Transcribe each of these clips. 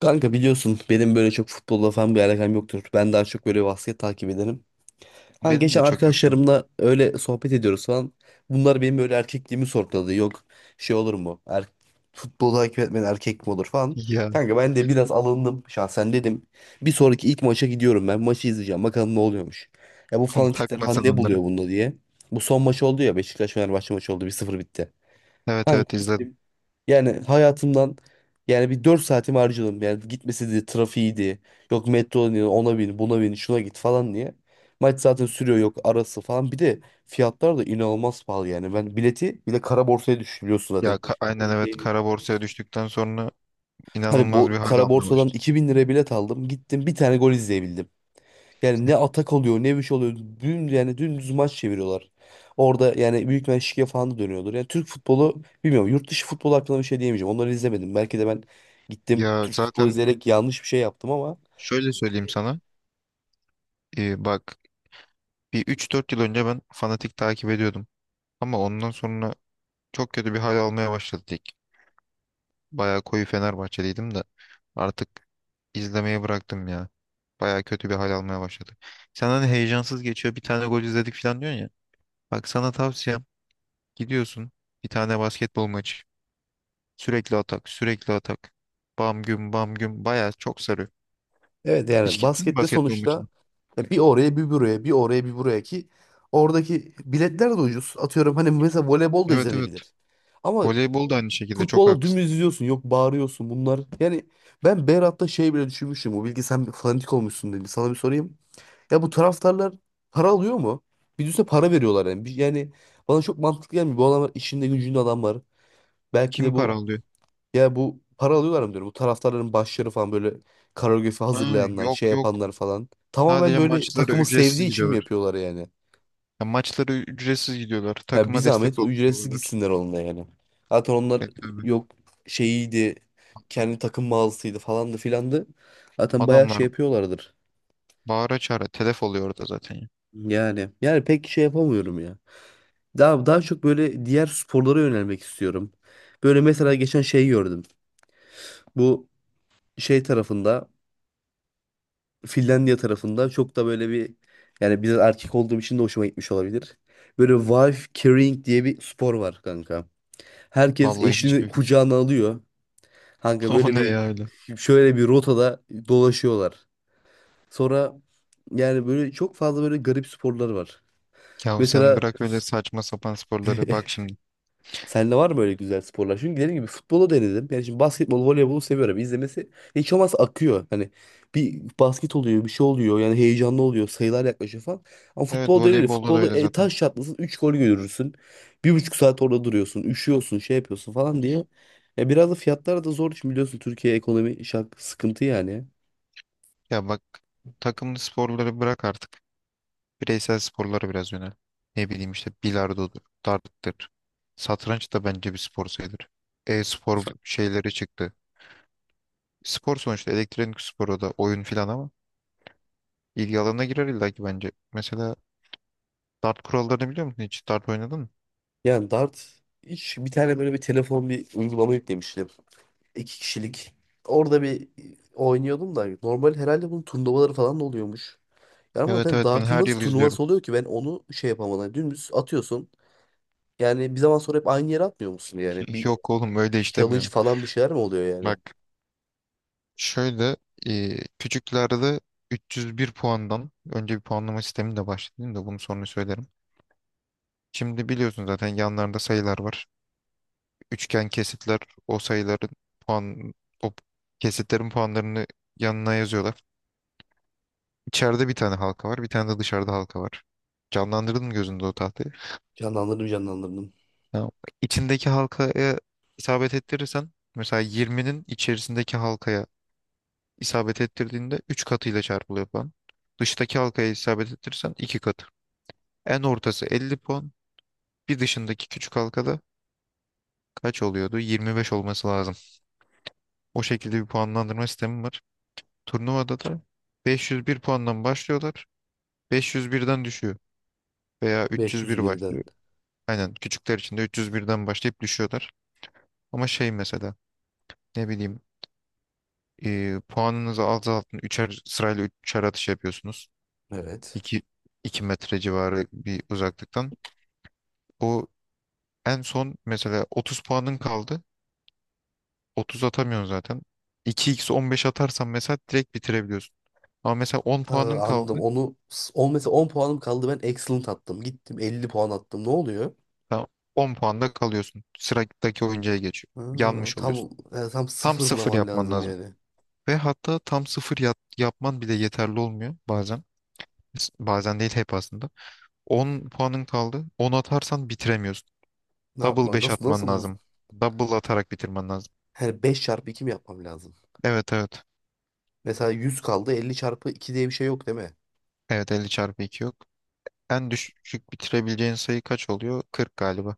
Kanka biliyorsun benim böyle çok futbolla falan bir alakam yoktur. Ben daha çok böyle basket takip ederim. Ha Benim de geçen çok yok şu an. arkadaşlarımla öyle sohbet ediyoruz falan. Bunlar benim böyle erkekliğimi sorguladı. Yok şey olur mu? Futbolu takip etmeyen erkek mi olur falan. Ya, Kanka ben de biraz alındım şahsen dedim. Bir sonraki ilk maça gidiyorum ben. Maçı izleyeceğim. Bakalım ne oluyormuş. Ya bu fanatikler takma falan sen ne buluyor onları. bunda diye. Bu son maç oldu ya, Beşiktaş Fenerbahçe maçı oldu. 1-0 bitti. Evet, Kanka evet, izledim. yani hayatımdan, yani bir 4 saatimi harcadım. Yani gitmesi de trafiğiydi. Yok metro diye ona bin buna bin şuna git falan diye. Maç zaten sürüyor, yok arası falan. Bir de fiyatlar da inanılmaz pahalı yani. Ben bileti bile kara borsaya düşürüyorsun Ya, zaten. Aynen, evet, Türkiye'nin. kara borsaya düştükten sonra Hani inanılmaz bu bir hal kara almaya borsadan başladı. 2.000 liraya bilet aldım. Gittim bir tane gol izleyebildim. Yani ne atak oluyor ne bir şey oluyor. Dün yani dümdüz maç çeviriyorlar. Orada yani büyük bir şike falan da dönüyordur. Yani Türk futbolu bilmiyorum. Yurt dışı futbolu hakkında bir şey diyemeyeceğim. Onları izlemedim. Belki de ben gittim Ya Türk futbolu zaten izleyerek yanlış bir şey yaptım ama şöyle söyleyeyim sana. Bak, bir üç dört yıl önce ben fanatik takip ediyordum. Ama ondan sonra çok kötü bir hal almaya başladı lig. Bayağı koyu Fenerbahçeliydim de artık izlemeyi bıraktım ya. Bayağı kötü bir hal almaya başladı. Sen hani heyecansız geçiyor, bir tane gol izledik falan diyorsun ya. Bak, sana tavsiyem: gidiyorsun bir tane basketbol maçı. Sürekli atak, sürekli atak. Bam güm, bam güm, bayağı çok sarıyor. evet Hiç yani gittin mi baskette basketbol sonuçta maçına? ya bir oraya bir buraya bir oraya bir buraya ki oradaki biletler de ucuz. Atıyorum hani mesela voleybol da Evet, evet. izlenebilir. Ama Voleybol da aynı şekilde, çok futbola haklısın. dümdüz izliyorsun. Yok bağırıyorsun bunlar. Yani ben Berat'ta şey bile düşünmüştüm. O bilgi sen fanatik olmuşsun dedim. Sana bir sorayım. Ya bu taraftarlar para alıyor mu? Bir düşünsene para veriyorlar yani. Yani bana çok mantıklı gelmiyor. Bu adamlar işinde gücünde adam var. Belki Kim de para bu, alıyor? ya bu para alıyorlar mı diyorum. Bu taraftarların başları falan böyle koreografi Ha, hazırlayanlar, yok, şey yok. yapanlar falan. Tamamen Sadece böyle maçlara takımı ücretsiz sevdiği için mi gidiyorlar. yapıyorlar yani? Ya, maçlara ücretsiz gidiyorlar. Ya bir Takıma destek zahmet o ücretsiz oluyorlar. gitsinler onunla yani. Zaten onlar E, tabii. yok şeyiydi, kendi takım mağazasıydı falandı filandı. Zaten bayağı Adamlar şey yapıyorlardır. bağıra çağıra telef oluyor orada zaten ya. Yani pek şey yapamıyorum ya. Daha çok böyle diğer sporlara yönelmek istiyorum. Böyle mesela geçen şey gördüm. Bu şey tarafında, Finlandiya tarafında çok da böyle bir, yani biraz erkek olduğum için de hoşuma gitmiş olabilir. Böyle wife carrying diye bir spor var kanka. Herkes Vallahi eşini hiçbir... kucağına alıyor. Kanka O böyle ne bir, ya öyle? şöyle bir rotada dolaşıyorlar. Sonra yani böyle çok fazla böyle garip sporlar var. Ya sen Mesela bırak öyle saçma sapan sporları, bak şimdi. sende var mı böyle güzel sporlar? Çünkü dediğim gibi futbolu denedim. Yani şimdi basketbol, voleybolu seviyorum. İzlemesi hiç olmazsa akıyor. Hani bir basket oluyor, bir şey oluyor. Yani heyecanlı oluyor. Sayılar yaklaşıyor falan. Ama Evet, futbolda öyle değil. voleybolda da Futbolda öyle zaten. taş çatlasın 3 gol görürsün. 1,5 saat orada duruyorsun. Üşüyorsun, şey yapıyorsun falan diye. Ya biraz da fiyatlar da zor. Şimdi biliyorsun Türkiye ekonomi sıkıntı yani. Ya bak, takımlı sporları bırak artık. Bireysel sporlara biraz yönel. Ne bileyim işte, bilardodur, darttır. Satranç da bence bir spor sayılır. E-spor şeyleri çıktı. Spor sonuçta elektronik spor, o da oyun filan ama ilgi alanına girer illa ki bence. Mesela dart kurallarını biliyor musun hiç? Dart oynadın mı? Yani dart hiç bir tane böyle bir telefon bir uygulama yüklemiştim. İki kişilik. Orada bir oynuyordum da normal herhalde bunun turnuvaları falan da oluyormuş. Yani ama Evet, zaten evet, ben dartın her nasıl yıl izliyorum. turnuvası oluyor ki ben onu şey yapamadım. Yani dümdüz atıyorsun. Yani bir zaman sonra hep aynı yere atmıyor musun yani? Bir Yok oğlum, öyle challenge işlemiyor. falan bir şeyler mi oluyor yani? Bak şöyle, küçüklerde 301 puandan önce bir puanlama sistemi de başladı, değil mi? De bunu sonra söylerim. Şimdi biliyorsun zaten yanlarında sayılar var. Üçgen kesitler, o sayıların puan, o kesitlerin puanlarını yanına yazıyorlar. İçeride bir tane halka var, bir tane de dışarıda halka var. Canlandırdın mı gözünde o tahtayı? Canlandırdım canlandırdım. Ha, içindeki halkaya isabet ettirirsen, mesela 20'nin içerisindeki halkaya isabet ettirdiğinde 3 katıyla çarpılıyor puan. Dıştaki halkaya isabet ettirirsen 2 katı. En ortası 50 puan. Bir dışındaki küçük halkada kaç oluyordu? 25 olması lazım. O şekilde bir puanlandırma sistemi var. Turnuvada da 501 puandan başlıyorlar. 501'den düşüyor. Veya beş yüz 301 birden başlıyor. Aynen küçükler için de 301'den başlayıp düşüyorlar. Ama şey mesela, ne bileyim, puanınızı azaltın. Üçer, sırayla üçer atış yapıyorsunuz. Evet. 2 2 metre civarı bir uzaklıktan. O en son mesela 30 puanın kaldı. 30 atamıyorsun zaten. 2x 15 atarsan mesela direkt bitirebiliyorsun. Ama mesela 10 Ha, puanın anladım. kaldı. Onu on mesela 10 puanım kaldı, ben excellent attım. Gittim 50 puan attım. Ne oluyor? Tamam. 10 puanda kalıyorsun. Sıradaki oyuncuya geçiyor. Ha, Yanmış tam oluyorsun. yani tam Tam sıfır sıfırlaman yapman lazım lazım. yani. Ve hatta tam sıfır yapman bile yeterli olmuyor bazen. Bazen değil, hep aslında. 10 puanın kaldı. 10 atarsan bitiremiyorsun. Ne Double yapmam? 5 Nasıl atman nasıl? lazım. Double atarak bitirmen lazım. Yani 5 çarpı 2 mi yapmam lazım? Evet, evet. Mesela 100 kaldı, 50 çarpı 2 diye bir şey yok değil mi? Evet, 50 çarpı 2 yok. En düşük bitirebileceğin sayı kaç oluyor? 40 galiba.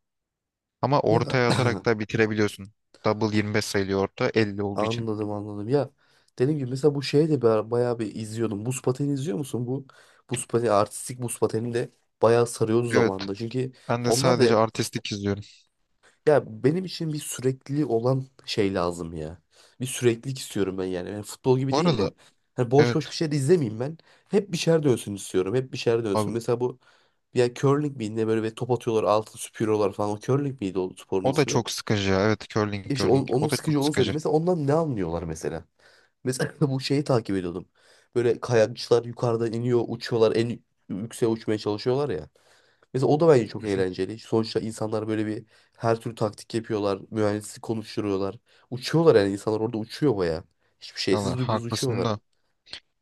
Ama Ya ortaya atarak da bitirebiliyorsun. Double 25 sayılıyor, orta 50 olduğu için. anladım anladım. Ya dediğim gibi mesela bu şeye de bayağı bir izliyordum. Buz pateni izliyor musun? Bu buz pateni Artistik buz pateni de bayağı sarıyordu Evet. zamanında. Çünkü Ben de onlar da, sadece artistik izliyorum. ya benim için bir sürekli olan şey lazım ya. Bir süreklilik istiyorum ben yani. Yani futbol gibi Bu değil arada, de hani boş boş bir evet şey de izlemeyeyim ben. Hep bir şeyler dönsün istiyorum. Hep bir şeyler abi, dönsün. Mesela bu ya curling miydi ne böyle ve top atıyorlar altın süpürüyorlar falan. O curling miydi o sporun o da ismi? çok sıkıcı ya. Evet, curling, İşte curling, onun o da sıkıcı çok olduğunu söyleyeyim. sıkıcı. Mesela ondan ne anlıyorlar mesela? Mesela bu şeyi takip ediyordum. Böyle kayakçılar yukarıdan iniyor, uçuyorlar, en yükseğe uçmaya çalışıyorlar ya. Mesela o da bence Hı çok hı. eğlenceli. Sonuçta insanlar böyle bir her türlü taktik yapıyorlar, mühendislik konuşturuyorlar. Uçuyorlar, yani insanlar orada uçuyor baya. Hiçbir şeysiz Valla dümdüz haklısın uçuyorlar. da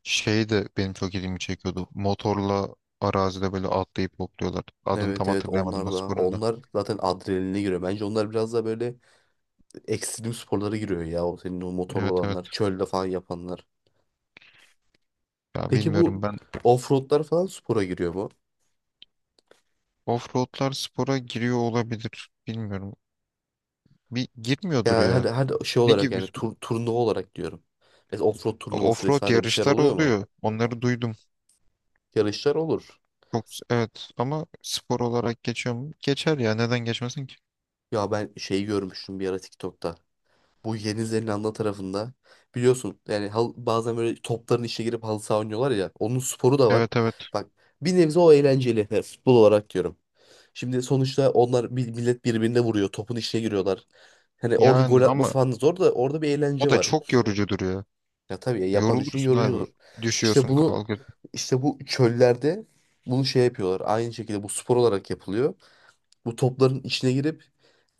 şey de benim çok ilgimi çekiyordu. Motorla arazide böyle atlayıp hopluyorlar. Adını tam Evet evet onlar hatırlayamadım o da. sporun da. Onlar zaten adrenaline giriyor. Bence onlar biraz da böyle ekstrem sporlara giriyor ya. O senin o motorlu Evet, evet, olanlar, çölde falan yapanlar. ya Peki bilmiyorum bu ben, offroadlar falan spora giriyor mu? offroadlar spora giriyor olabilir. Bilmiyorum, bir girmiyordur Ya her, ya. her şey Ne olarak gibi yani, bir- turnuva olarak diyorum. Mesela offroad turnuvası Offroad vesaire bir şeyler yarışlar oluyor mu? oluyor. Onları duydum. Yarışlar olur. Çok evet, ama spor olarak geçiyor mu? Geçer ya, neden geçmesin ki? Ya ben şeyi görmüştüm bir ara TikTok'ta. Bu Yeni Zelanda tarafında biliyorsun yani bazen böyle topların içine girip halı saha oynuyorlar ya. Onun sporu da var. Evet, evet. Bak bir nebze o eğlenceli. Yani futbol olarak diyorum. Şimdi sonuçta onlar millet birbirine vuruyor. Topun içine giriyorlar. Hani orada gol Yani atması ama falan da zor da orada bir o eğlence da var. çok yorucudur ya. Ya tabii ya, yapan için Yorulursun yorucu abi. olur. İşte Düşüyorsun, bunu kalkıyorsun. işte bu çöllerde bunu şey yapıyorlar. Aynı şekilde bu spor olarak yapılıyor. Bu topların içine girip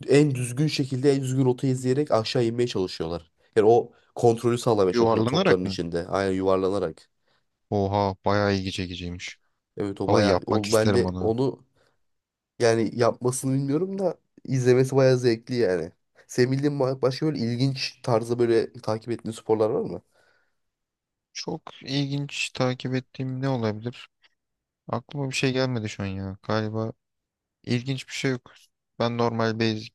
en düzgün şekilde en düzgün rotayı izleyerek aşağı inmeye çalışıyorlar. Yani o kontrolü sağlamaya çalışıyorlar topların Yuvarlanarak mı? içinde. Aynen yuvarlanarak. Oha, bayağı ilgi çekiciymiş. Evet o Vallahi bayağı, yapmak o ben isterim de onu. onu yani yapmasını bilmiyorum da izlemesi bayağı zevkli yani. Senin bildiğin başka böyle ilginç tarzda böyle takip ettiğin sporlar var mı? Çok ilginç takip ettiğim ne olabilir? Aklıma bir şey gelmedi şu an ya. Galiba ilginç bir şey yok. Ben normal basic,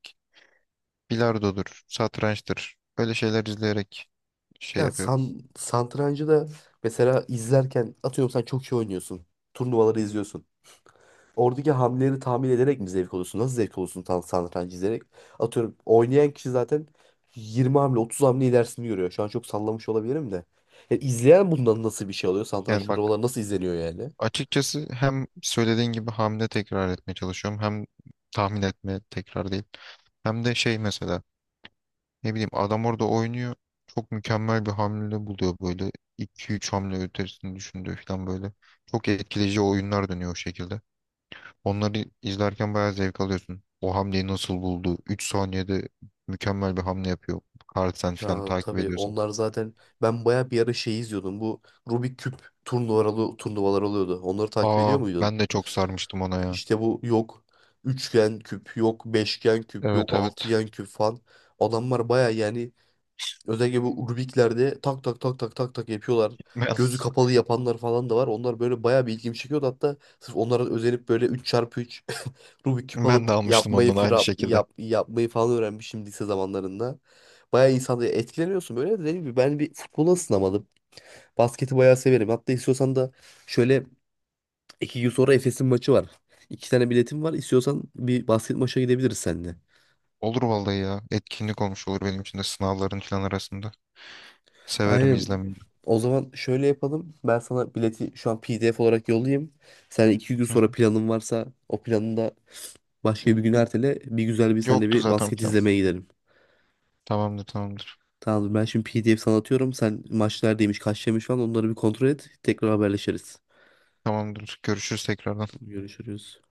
bilardodur, satrançtır. Böyle şeyler izleyerek şey Ya yapıyorum. Satrancı da mesela izlerken atıyorum sen çok iyi oynuyorsun. Turnuvaları izliyorsun. Oradaki hamleleri tahmin ederek mi zevk alıyorsun? Nasıl zevk alıyorsun tam satrancı izleyerek? Atıyorum oynayan kişi zaten 20 hamle 30 hamle ilerisini görüyor. Şu an çok sallamış olabilirim de. Ya izleyen bundan nasıl bir şey alıyor? Satranç Yani bak, turnuvaları nasıl izleniyor yani? açıkçası hem söylediğin gibi hamle tekrar etmeye çalışıyorum. Hem tahmin etme, tekrar değil. Hem de şey, mesela ne bileyim, adam orada oynuyor. Çok mükemmel bir hamle buluyor böyle. İki üç hamle ötesini düşündüğü falan böyle. Çok etkileyici oyunlar dönüyor o şekilde. Onları izlerken bayağı zevk alıyorsun. O hamleyi nasıl buldu? 3 saniyede mükemmel bir hamle yapıyor. Carlsen falan Ya takip tabii ediyorsun. onlar zaten ben baya bir ara şey izliyordum. Bu Rubik küp turnuvalar oluyordu. Onları takip Aa, ediyor muydun? ben de çok sarmıştım ona ya. İşte bu yok üçgen küp, yok beşgen küp, yok Evet, evet. altıgen küp falan. Adamlar baya yani özellikle bu Rubik'lerde tak tak tak tak tak tak yapıyorlar. Ben, Gözü kapalı yapanlar falan da var. Onlar böyle bayağı bir ilgimi çekiyordu. Hatta sırf onlara özenip böyle üç x üç Rubik küp ben de alıp almıştım yapmayı ondan aynı şekilde. Yapmayı falan öğrenmişim lise zamanlarında. Bayağı insanda etkileniyorsun böyle. Dediğim gibi ben bir futbola ısınamadım. Basketi bayağı severim. Hatta istiyorsan da şöyle 2 gün sonra Efes'in maçı var. İki tane biletim var. İstiyorsan bir basket maça gidebiliriz seninle. Olur vallahi ya. Etkinlik olmuş olur benim için de, sınavların falan arasında. Severim Aynen. izlemeyi. O zaman şöyle yapalım. Ben sana bileti şu an PDF olarak yollayayım. Sen iki gün Hı. sonra planın varsa o planını da başka bir gün ertele. Bir güzel bir senle Yoktu bir zaten basket plan. izlemeye gidelim. Tamamdır, tamamdır. Tamamdır. Ben şimdi PDF sana atıyorum. Sen maç neredeymiş, kaç demiş falan onları bir kontrol et. Tekrar haberleşiriz. Tamamdır. Görüşürüz tekrardan. Tamam, görüşürüz.